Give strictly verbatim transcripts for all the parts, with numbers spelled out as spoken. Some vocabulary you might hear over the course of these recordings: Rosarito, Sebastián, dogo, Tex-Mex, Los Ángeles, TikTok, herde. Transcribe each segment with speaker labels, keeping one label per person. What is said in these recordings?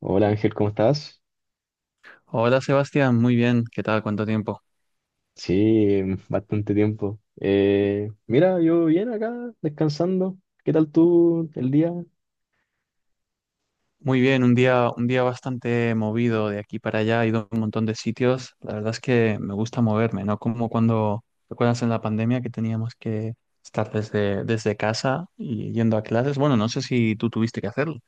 Speaker 1: Hola Ángel, ¿cómo estás?
Speaker 2: Hola Sebastián, muy bien, ¿qué tal? ¿Cuánto tiempo?
Speaker 1: Sí, bastante tiempo. Eh, mira, yo bien acá, descansando. ¿Qué tal tú el día?
Speaker 2: Muy bien, un día, un día bastante movido de aquí para allá, he ido a un montón de sitios. La verdad es que me gusta moverme, ¿no? Como cuando, ¿recuerdas en la pandemia que teníamos que estar desde, desde casa y yendo a clases? Bueno, no sé si tú tuviste que hacerlo.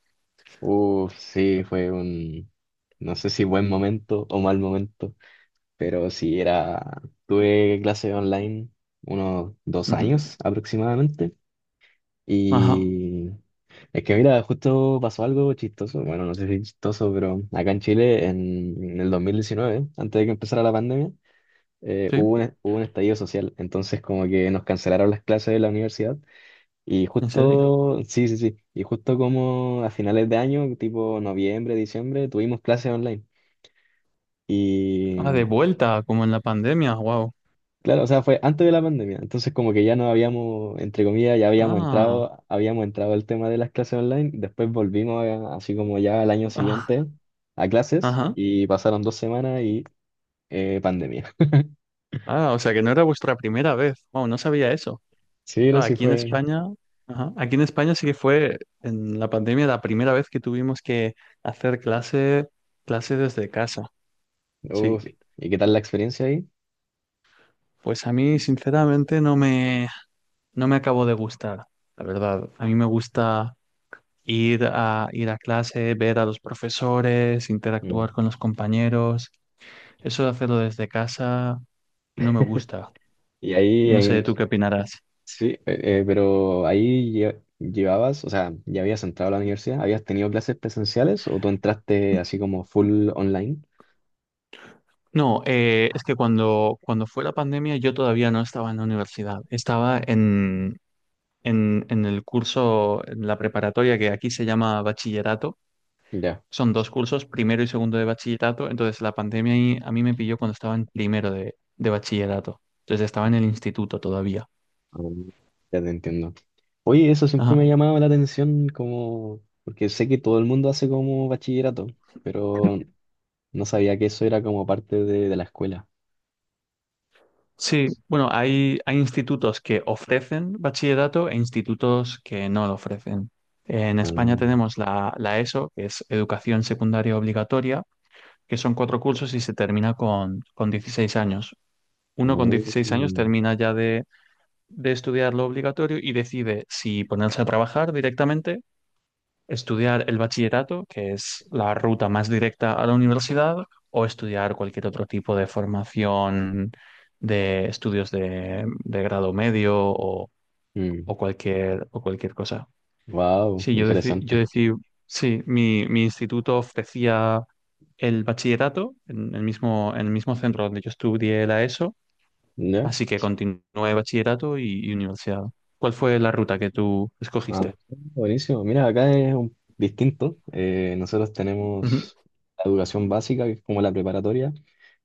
Speaker 1: Uf, sí, fue un, no sé si buen momento o mal momento, pero sí era, tuve clase online unos dos
Speaker 2: Ujú.
Speaker 1: años aproximadamente.
Speaker 2: Ajá,
Speaker 1: Y es que mira, justo pasó algo chistoso, bueno, no sé si chistoso, pero acá en Chile en, en el dos mil diecinueve, antes de que empezara la pandemia, eh,
Speaker 2: sí,
Speaker 1: hubo un, hubo un estallido social, entonces como que nos cancelaron las clases de la universidad y
Speaker 2: en serio.
Speaker 1: justo, sí, sí, sí, y justo como a finales de año, tipo noviembre, diciembre, tuvimos clases online.
Speaker 2: Ah, de
Speaker 1: Y
Speaker 2: vuelta, como en la pandemia, wow.
Speaker 1: claro, o sea, fue antes de la pandemia, entonces como que ya no habíamos, entre comillas, ya habíamos
Speaker 2: Ah,
Speaker 1: entrado, habíamos entrado al tema de las clases online. Después volvimos a- así como ya al año
Speaker 2: ah,
Speaker 1: siguiente a clases,
Speaker 2: ajá.
Speaker 1: y pasaron dos semanas y eh, pandemia.
Speaker 2: Ah, o sea que no era vuestra primera vez. Wow, no sabía eso.
Speaker 1: Sí, no,
Speaker 2: Claro,
Speaker 1: sí
Speaker 2: aquí en
Speaker 1: fue.
Speaker 2: España, ajá, aquí en España sí que fue en la pandemia la primera vez que tuvimos que hacer clase, clase desde casa. Sí,
Speaker 1: Uf, ¿y qué tal la experiencia ahí?
Speaker 2: pues a mí sinceramente no me, no me acabó de gustar, la verdad. A mí me gusta ir a, ir a clase, ver a los profesores,
Speaker 1: Mm.
Speaker 2: interactuar con los compañeros. Eso de hacerlo desde casa no me gusta.
Speaker 1: Y ahí,
Speaker 2: No sé,
Speaker 1: ahí-
Speaker 2: ¿tú qué opinarás?
Speaker 1: sí, eh, eh, pero ahí lle- llevabas, o sea, ya habías entrado a la universidad, ¿habías tenido clases presenciales o tú entraste así como full online?
Speaker 2: No, eh, es que cuando, cuando fue la pandemia yo todavía no estaba en la universidad, estaba en, en, en el curso, en la preparatoria que aquí se llama bachillerato,
Speaker 1: Ya,
Speaker 2: son dos cursos, primero y segundo de bachillerato, entonces la pandemia ahí a mí me pilló cuando estaba en primero de, de bachillerato, entonces estaba en el instituto todavía.
Speaker 1: ah, ya te entiendo. Oye, eso siempre me
Speaker 2: Ajá.
Speaker 1: ha llamado la atención como, porque sé que todo el mundo hace como bachillerato, pero no sabía que eso era como parte de, de la escuela.
Speaker 2: Sí, bueno, hay, hay institutos que ofrecen bachillerato e institutos que no lo ofrecen. En
Speaker 1: Ah,
Speaker 2: España
Speaker 1: ah,
Speaker 2: tenemos la, la E S O, que es Educación Secundaria Obligatoria, que son cuatro cursos y se termina con, con dieciséis años. Uno con dieciséis años termina ya de, de estudiar lo obligatorio y decide si ponerse a trabajar directamente, estudiar el bachillerato, que es la ruta más directa a la universidad, o estudiar cualquier otro tipo de formación de estudios de, de grado medio o,
Speaker 1: mm,
Speaker 2: o cualquier, o cualquier cosa.
Speaker 1: wow,
Speaker 2: Sí, yo decí, yo
Speaker 1: interesante.
Speaker 2: decí, sí, mi, mi instituto ofrecía el bachillerato en el mismo, en el mismo centro donde yo estudié la E S O,
Speaker 1: ¿Ya?
Speaker 2: así que continué bachillerato y, y universidad. ¿Cuál fue la ruta que tú
Speaker 1: Ah,
Speaker 2: escogiste?
Speaker 1: buenísimo. Mira, acá es un, distinto. Eh, nosotros
Speaker 2: Ujú,
Speaker 1: tenemos la educación básica, que es como la preparatoria,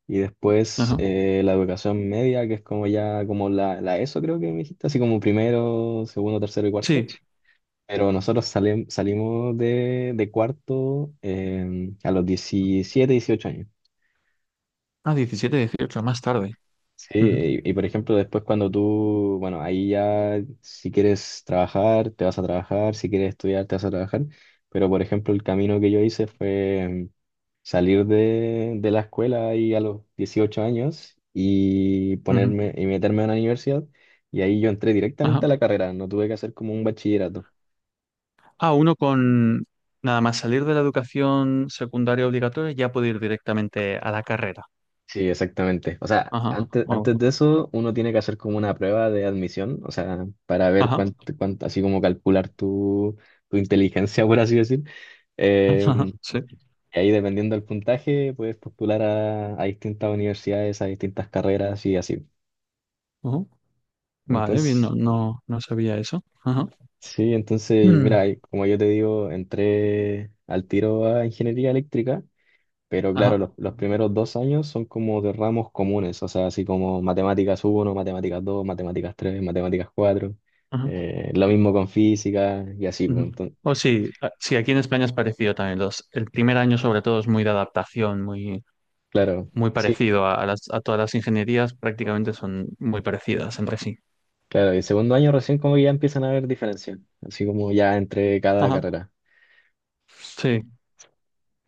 Speaker 1: y después
Speaker 2: ajá.
Speaker 1: eh, la educación media, que es como ya como la, la E S O, creo que me dijiste, así como primero, segundo, tercero y cuarto.
Speaker 2: Sí,
Speaker 1: Pero nosotros salim- salimos de, de cuarto eh, a los diecisiete, dieciocho años.
Speaker 2: ah, diecisiete, dieciocho más tarde.
Speaker 1: Sí,
Speaker 2: Ujú,
Speaker 1: y, y por ejemplo, después cuando tú, bueno, ahí ya si quieres trabajar, te vas a trabajar, si quieres estudiar, te vas a trabajar, pero por ejemplo, el camino que yo hice fue mm, salir de, de la escuela ahí a los dieciocho años y
Speaker 2: ujú,
Speaker 1: ponerme y meterme a una universidad y ahí yo entré directamente
Speaker 2: ajá.
Speaker 1: a la carrera, no tuve que hacer como un bachillerato.
Speaker 2: Ah, uno con nada más salir de la educación secundaria obligatoria ya puede ir directamente a la carrera.
Speaker 1: Sí, exactamente. O sea,
Speaker 2: Ajá.
Speaker 1: antes,
Speaker 2: Oh,
Speaker 1: antes de eso, uno tiene que hacer como una prueba de admisión, o sea, para ver
Speaker 2: ajá.
Speaker 1: cuánto, cuánto, así como calcular tu, tu inteligencia, por así decir. Eh,
Speaker 2: Ajá. Sí.
Speaker 1: y ahí, dependiendo del puntaje, puedes postular a, a distintas universidades, a distintas carreras y así.
Speaker 2: Ujú. Vale, bien,
Speaker 1: Entonces,
Speaker 2: no, no, no sabía eso. Ajá.
Speaker 1: sí, entonces,
Speaker 2: Mm,
Speaker 1: mira, y como yo te digo, entré al tiro a ingeniería eléctrica. Pero claro,
Speaker 2: ajá.
Speaker 1: los, los primeros dos años son como de ramos comunes, o sea, así como matemáticas uno, matemáticas dos, matemáticas tres, matemáticas cuatro,
Speaker 2: Ajá.
Speaker 1: eh, lo mismo con física y así, pues,
Speaker 2: Ujú.
Speaker 1: entonces,
Speaker 2: O sí, a- sí, aquí en España es parecido también. Los, el primer año sobre todo es muy de adaptación, muy,
Speaker 1: claro,
Speaker 2: muy
Speaker 1: sí,
Speaker 2: parecido a, a las, a todas las ingenierías, prácticamente son muy parecidas entre sí.
Speaker 1: claro, y segundo año recién como que ya empiezan a haber diferencias, así como ya entre cada
Speaker 2: Ajá.
Speaker 1: carrera.
Speaker 2: Sí.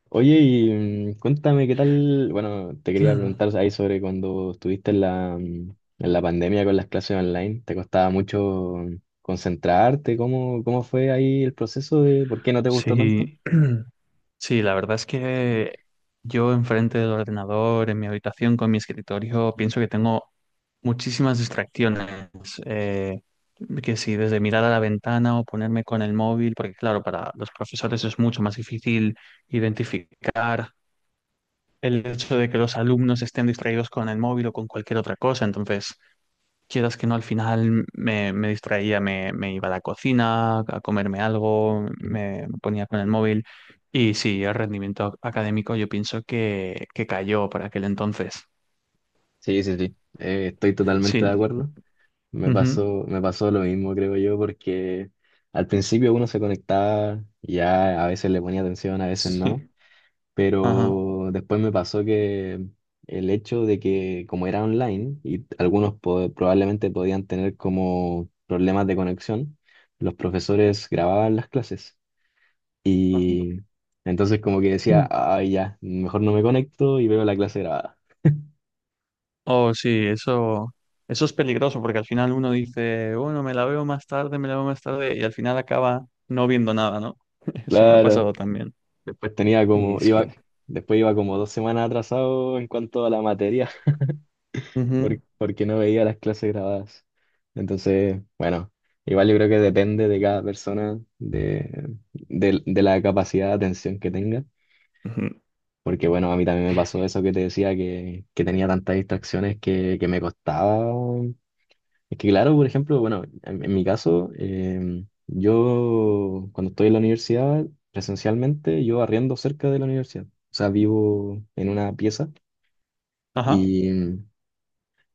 Speaker 1: Oye, y mm, cuéntame qué tal, bueno, te quería
Speaker 2: Mm,
Speaker 1: preguntar ahí sobre cuando estuviste en la, mm, en la pandemia con las clases online, ¿te costaba mucho mm, concentrarte? ¿Cómo, cómo fue ahí el proceso de por qué no te gustó tanto?
Speaker 2: sí. Sí, la verdad es que yo enfrente del ordenador, en mi habitación, con mi escritorio, pienso que tengo muchísimas distracciones. eh, que si desde mirar a la ventana o ponerme con el móvil, porque claro, para los profesores es mucho más difícil identificar el hecho de que los alumnos estén distraídos con el móvil o con cualquier otra cosa. Entonces, quieras que no, al final me, me distraía, me, me iba a la cocina a comerme algo,
Speaker 1: Ujú.
Speaker 2: me, me ponía con el móvil y sí, el rendimiento académico yo pienso que, que cayó para aquel entonces.
Speaker 1: Sí, sí, sí, eh, estoy totalmente
Speaker 2: Sí.
Speaker 1: de acuerdo. Me
Speaker 2: Ujú.
Speaker 1: pasó, me pasó lo mismo, creo yo, porque al principio uno se conectaba, y ya a veces le ponía atención, a veces
Speaker 2: Sí.
Speaker 1: no.
Speaker 2: Ajá.
Speaker 1: Pero después me pasó que el hecho de que como era online y algunos po- probablemente podían tener como problemas de conexión, los profesores grababan las clases,
Speaker 2: Ajá.
Speaker 1: y entonces como que decía,
Speaker 2: Mm.
Speaker 1: ay ya, mejor no me conecto y veo la clase grabada.
Speaker 2: Oh, sí, eso, eso es peligroso porque al final uno dice, bueno, me la veo más tarde, me la veo más tarde y al final acaba no viendo nada, ¿no? Eso me ha pasado
Speaker 1: Claro,
Speaker 2: también.
Speaker 1: después tenía como,
Speaker 2: Y
Speaker 1: iba,
Speaker 2: sí.
Speaker 1: después iba como dos semanas atrasado en cuanto a la materia.
Speaker 2: Ujú.
Speaker 1: Por- porque no veía las clases grabadas. Entonces, bueno, igual yo creo que depende de cada persona, de, de, de la capacidad de atención que tenga.
Speaker 2: Ujú.
Speaker 1: Porque bueno, a mí también me pasó eso que te decía, que, que tenía tantas distracciones que, que me costaba. Es que claro, por ejemplo, bueno, en, en mi caso, em, yo cuando estoy en la universidad, presencialmente, yo arriendo cerca de la universidad. O sea, vivo en una pieza.
Speaker 2: Ajá.
Speaker 1: Y,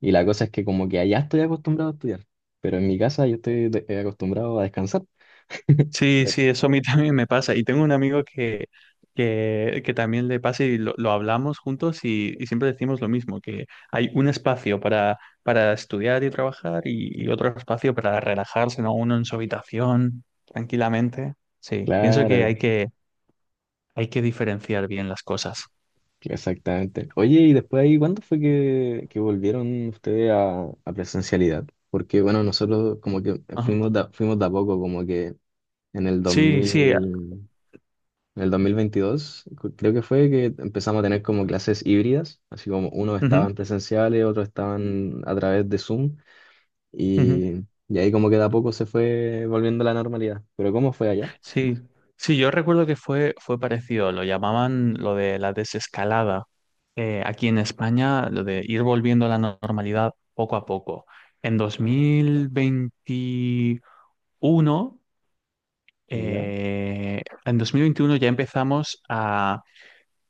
Speaker 1: y la cosa es que como que allá estoy acostumbrado a estudiar, pero en mi casa yo estoy de- eh, acostumbrado a descansar.
Speaker 2: Sí, sí, eso a mí también me pasa. Y tengo un amigo que, que, que también le pasa y lo, lo hablamos juntos y, y siempre decimos lo mismo, que hay un espacio para, para estudiar y trabajar y, y otro espacio para relajarse, ¿no? Uno en su habitación, tranquilamente. Sí, pienso que
Speaker 1: Claro,
Speaker 2: hay que, hay que diferenciar bien las cosas.
Speaker 1: exactamente. Oye, y después ahí, ¿cuándo fue que, que volvieron ustedes a, a presencialidad? Porque bueno, nosotros como que
Speaker 2: Ajá.
Speaker 1: fuimos de, fuimos de a poco, como que en el
Speaker 2: Sí, sí.
Speaker 1: dos mil, en el dos mil veintidós, cu- creo que fue que empezamos a tener como clases híbridas, así como unos
Speaker 2: Ujú,
Speaker 1: estaban presenciales, otros estaban a través de Zoom,
Speaker 2: ujú.
Speaker 1: Y, y ahí como que de a poco se fue volviendo a la normalidad. Pero ¿cómo fue allá?
Speaker 2: Sí, sí, yo recuerdo que fue, fue parecido, lo llamaban lo de la desescalada. Eh, aquí en España, lo de ir volviendo a la no- normalidad poco a poco. En dos mil veintiuno,
Speaker 1: ¿Ya?
Speaker 2: eh, en dos mil veintiuno ya empezamos a,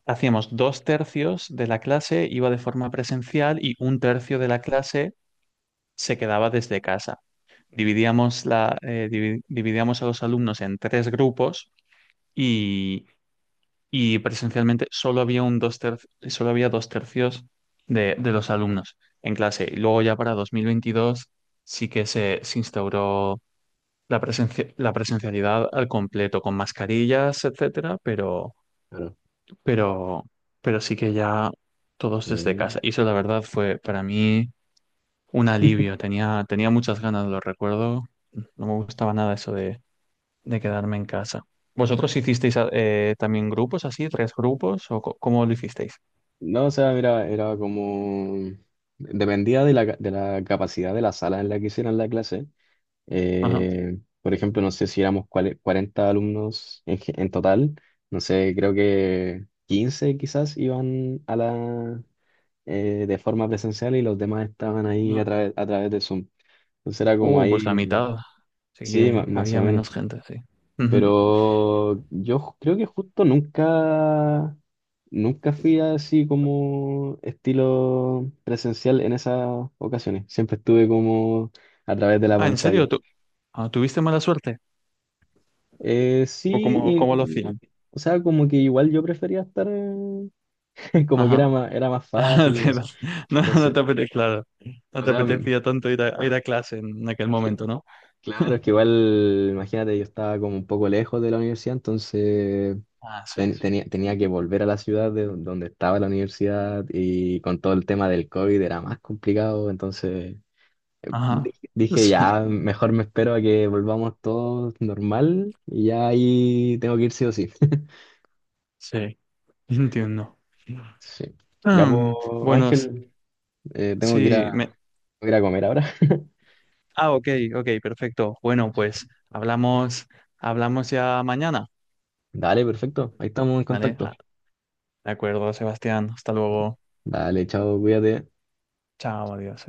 Speaker 2: hacíamos dos tercios de la clase, iba de forma presencial y un tercio de la clase se quedaba desde casa. Dividíamos la, eh, divi- dividíamos a los alumnos en tres grupos y y presencialmente solo había un dos ter- solo había dos tercios de, de los alumnos en clase. Y luego ya para dos mil veintidós sí que se, se instauró la presencia, la presencialidad al completo, con mascarillas, etcétera, pero,
Speaker 1: Claro.
Speaker 2: pero, pero sí que ya todos desde
Speaker 1: Mm.
Speaker 2: casa. Y eso la verdad fue para mí un alivio. Tenía, tenía muchas ganas, lo recuerdo. No me gustaba nada eso de, de quedarme en casa. ¿Vosotros hicisteis eh, también grupos así, tres grupos, o co- cómo lo hicisteis?
Speaker 1: No, o sea, mira, era como... Dependía de la, ca- de la capacidad de la sala en la que hicieran la clase.
Speaker 2: Ajá.
Speaker 1: Eh, por ejemplo, no sé si éramos cuale- cuarenta alumnos en, ge- en total. No sé, creo que quince quizás iban a la, eh, de forma presencial, y los demás estaban ahí
Speaker 2: Ajá.
Speaker 1: a través, a través de Zoom. Entonces era como
Speaker 2: Uh, pues la
Speaker 1: ahí,
Speaker 2: mitad. Así
Speaker 1: sí,
Speaker 2: que
Speaker 1: ma- más o
Speaker 2: había
Speaker 1: menos.
Speaker 2: menos gente, sí. Ujú.
Speaker 1: Pero yo ju- creo que justo nunca, nunca fui así como estilo presencial en esas ocasiones. Siempre estuve como a través de la
Speaker 2: Ah, ¿en
Speaker 1: pantalla.
Speaker 2: serio? ¿Tú, ah, tuviste mala suerte?
Speaker 1: Eh,
Speaker 2: ¿O
Speaker 1: sí,
Speaker 2: cómo, cómo lo
Speaker 1: y-
Speaker 2: hacían?
Speaker 1: o sea, como que igual yo prefería estar, eh, como que era
Speaker 2: Ajá.
Speaker 1: más, era más
Speaker 2: Ah,
Speaker 1: fácil, no
Speaker 2: te-
Speaker 1: sé.
Speaker 2: no,
Speaker 1: No
Speaker 2: no
Speaker 1: sé.
Speaker 2: te apetecía, claro. No
Speaker 1: O
Speaker 2: te
Speaker 1: sea, m-
Speaker 2: apetecía tanto ir a, ir a clase en aquel
Speaker 1: cl-
Speaker 2: momento, ¿no?
Speaker 1: claro, es que igual, imagínate, yo estaba como un poco lejos de la universidad, entonces
Speaker 2: Ah, sí.
Speaker 1: ten- tenía, tenía que volver a la ciudad de don- donde estaba la universidad, y con todo el tema del COVID era más complicado, entonces di-
Speaker 2: Ajá.
Speaker 1: dije,
Speaker 2: Sí,
Speaker 1: ya, mejor me espero a que volvamos todos normal y ya ahí tengo que ir sí o sí.
Speaker 2: sí, entiendo.
Speaker 1: Sí. Ya, pues,
Speaker 2: Mm, bueno, s-
Speaker 1: Ángel, eh, tengo que ir a,
Speaker 2: sí, me...
Speaker 1: ir a comer ahora.
Speaker 2: Ah, ok, ok, perfecto. Bueno, pues hablamos, hablamos ya mañana,
Speaker 1: Dale, perfecto. Ahí estamos en
Speaker 2: ¿vale?
Speaker 1: contacto.
Speaker 2: Ah, de acuerdo, Sebastián. Hasta luego.
Speaker 1: Dale, chao, cuídate.
Speaker 2: Chao, adiós.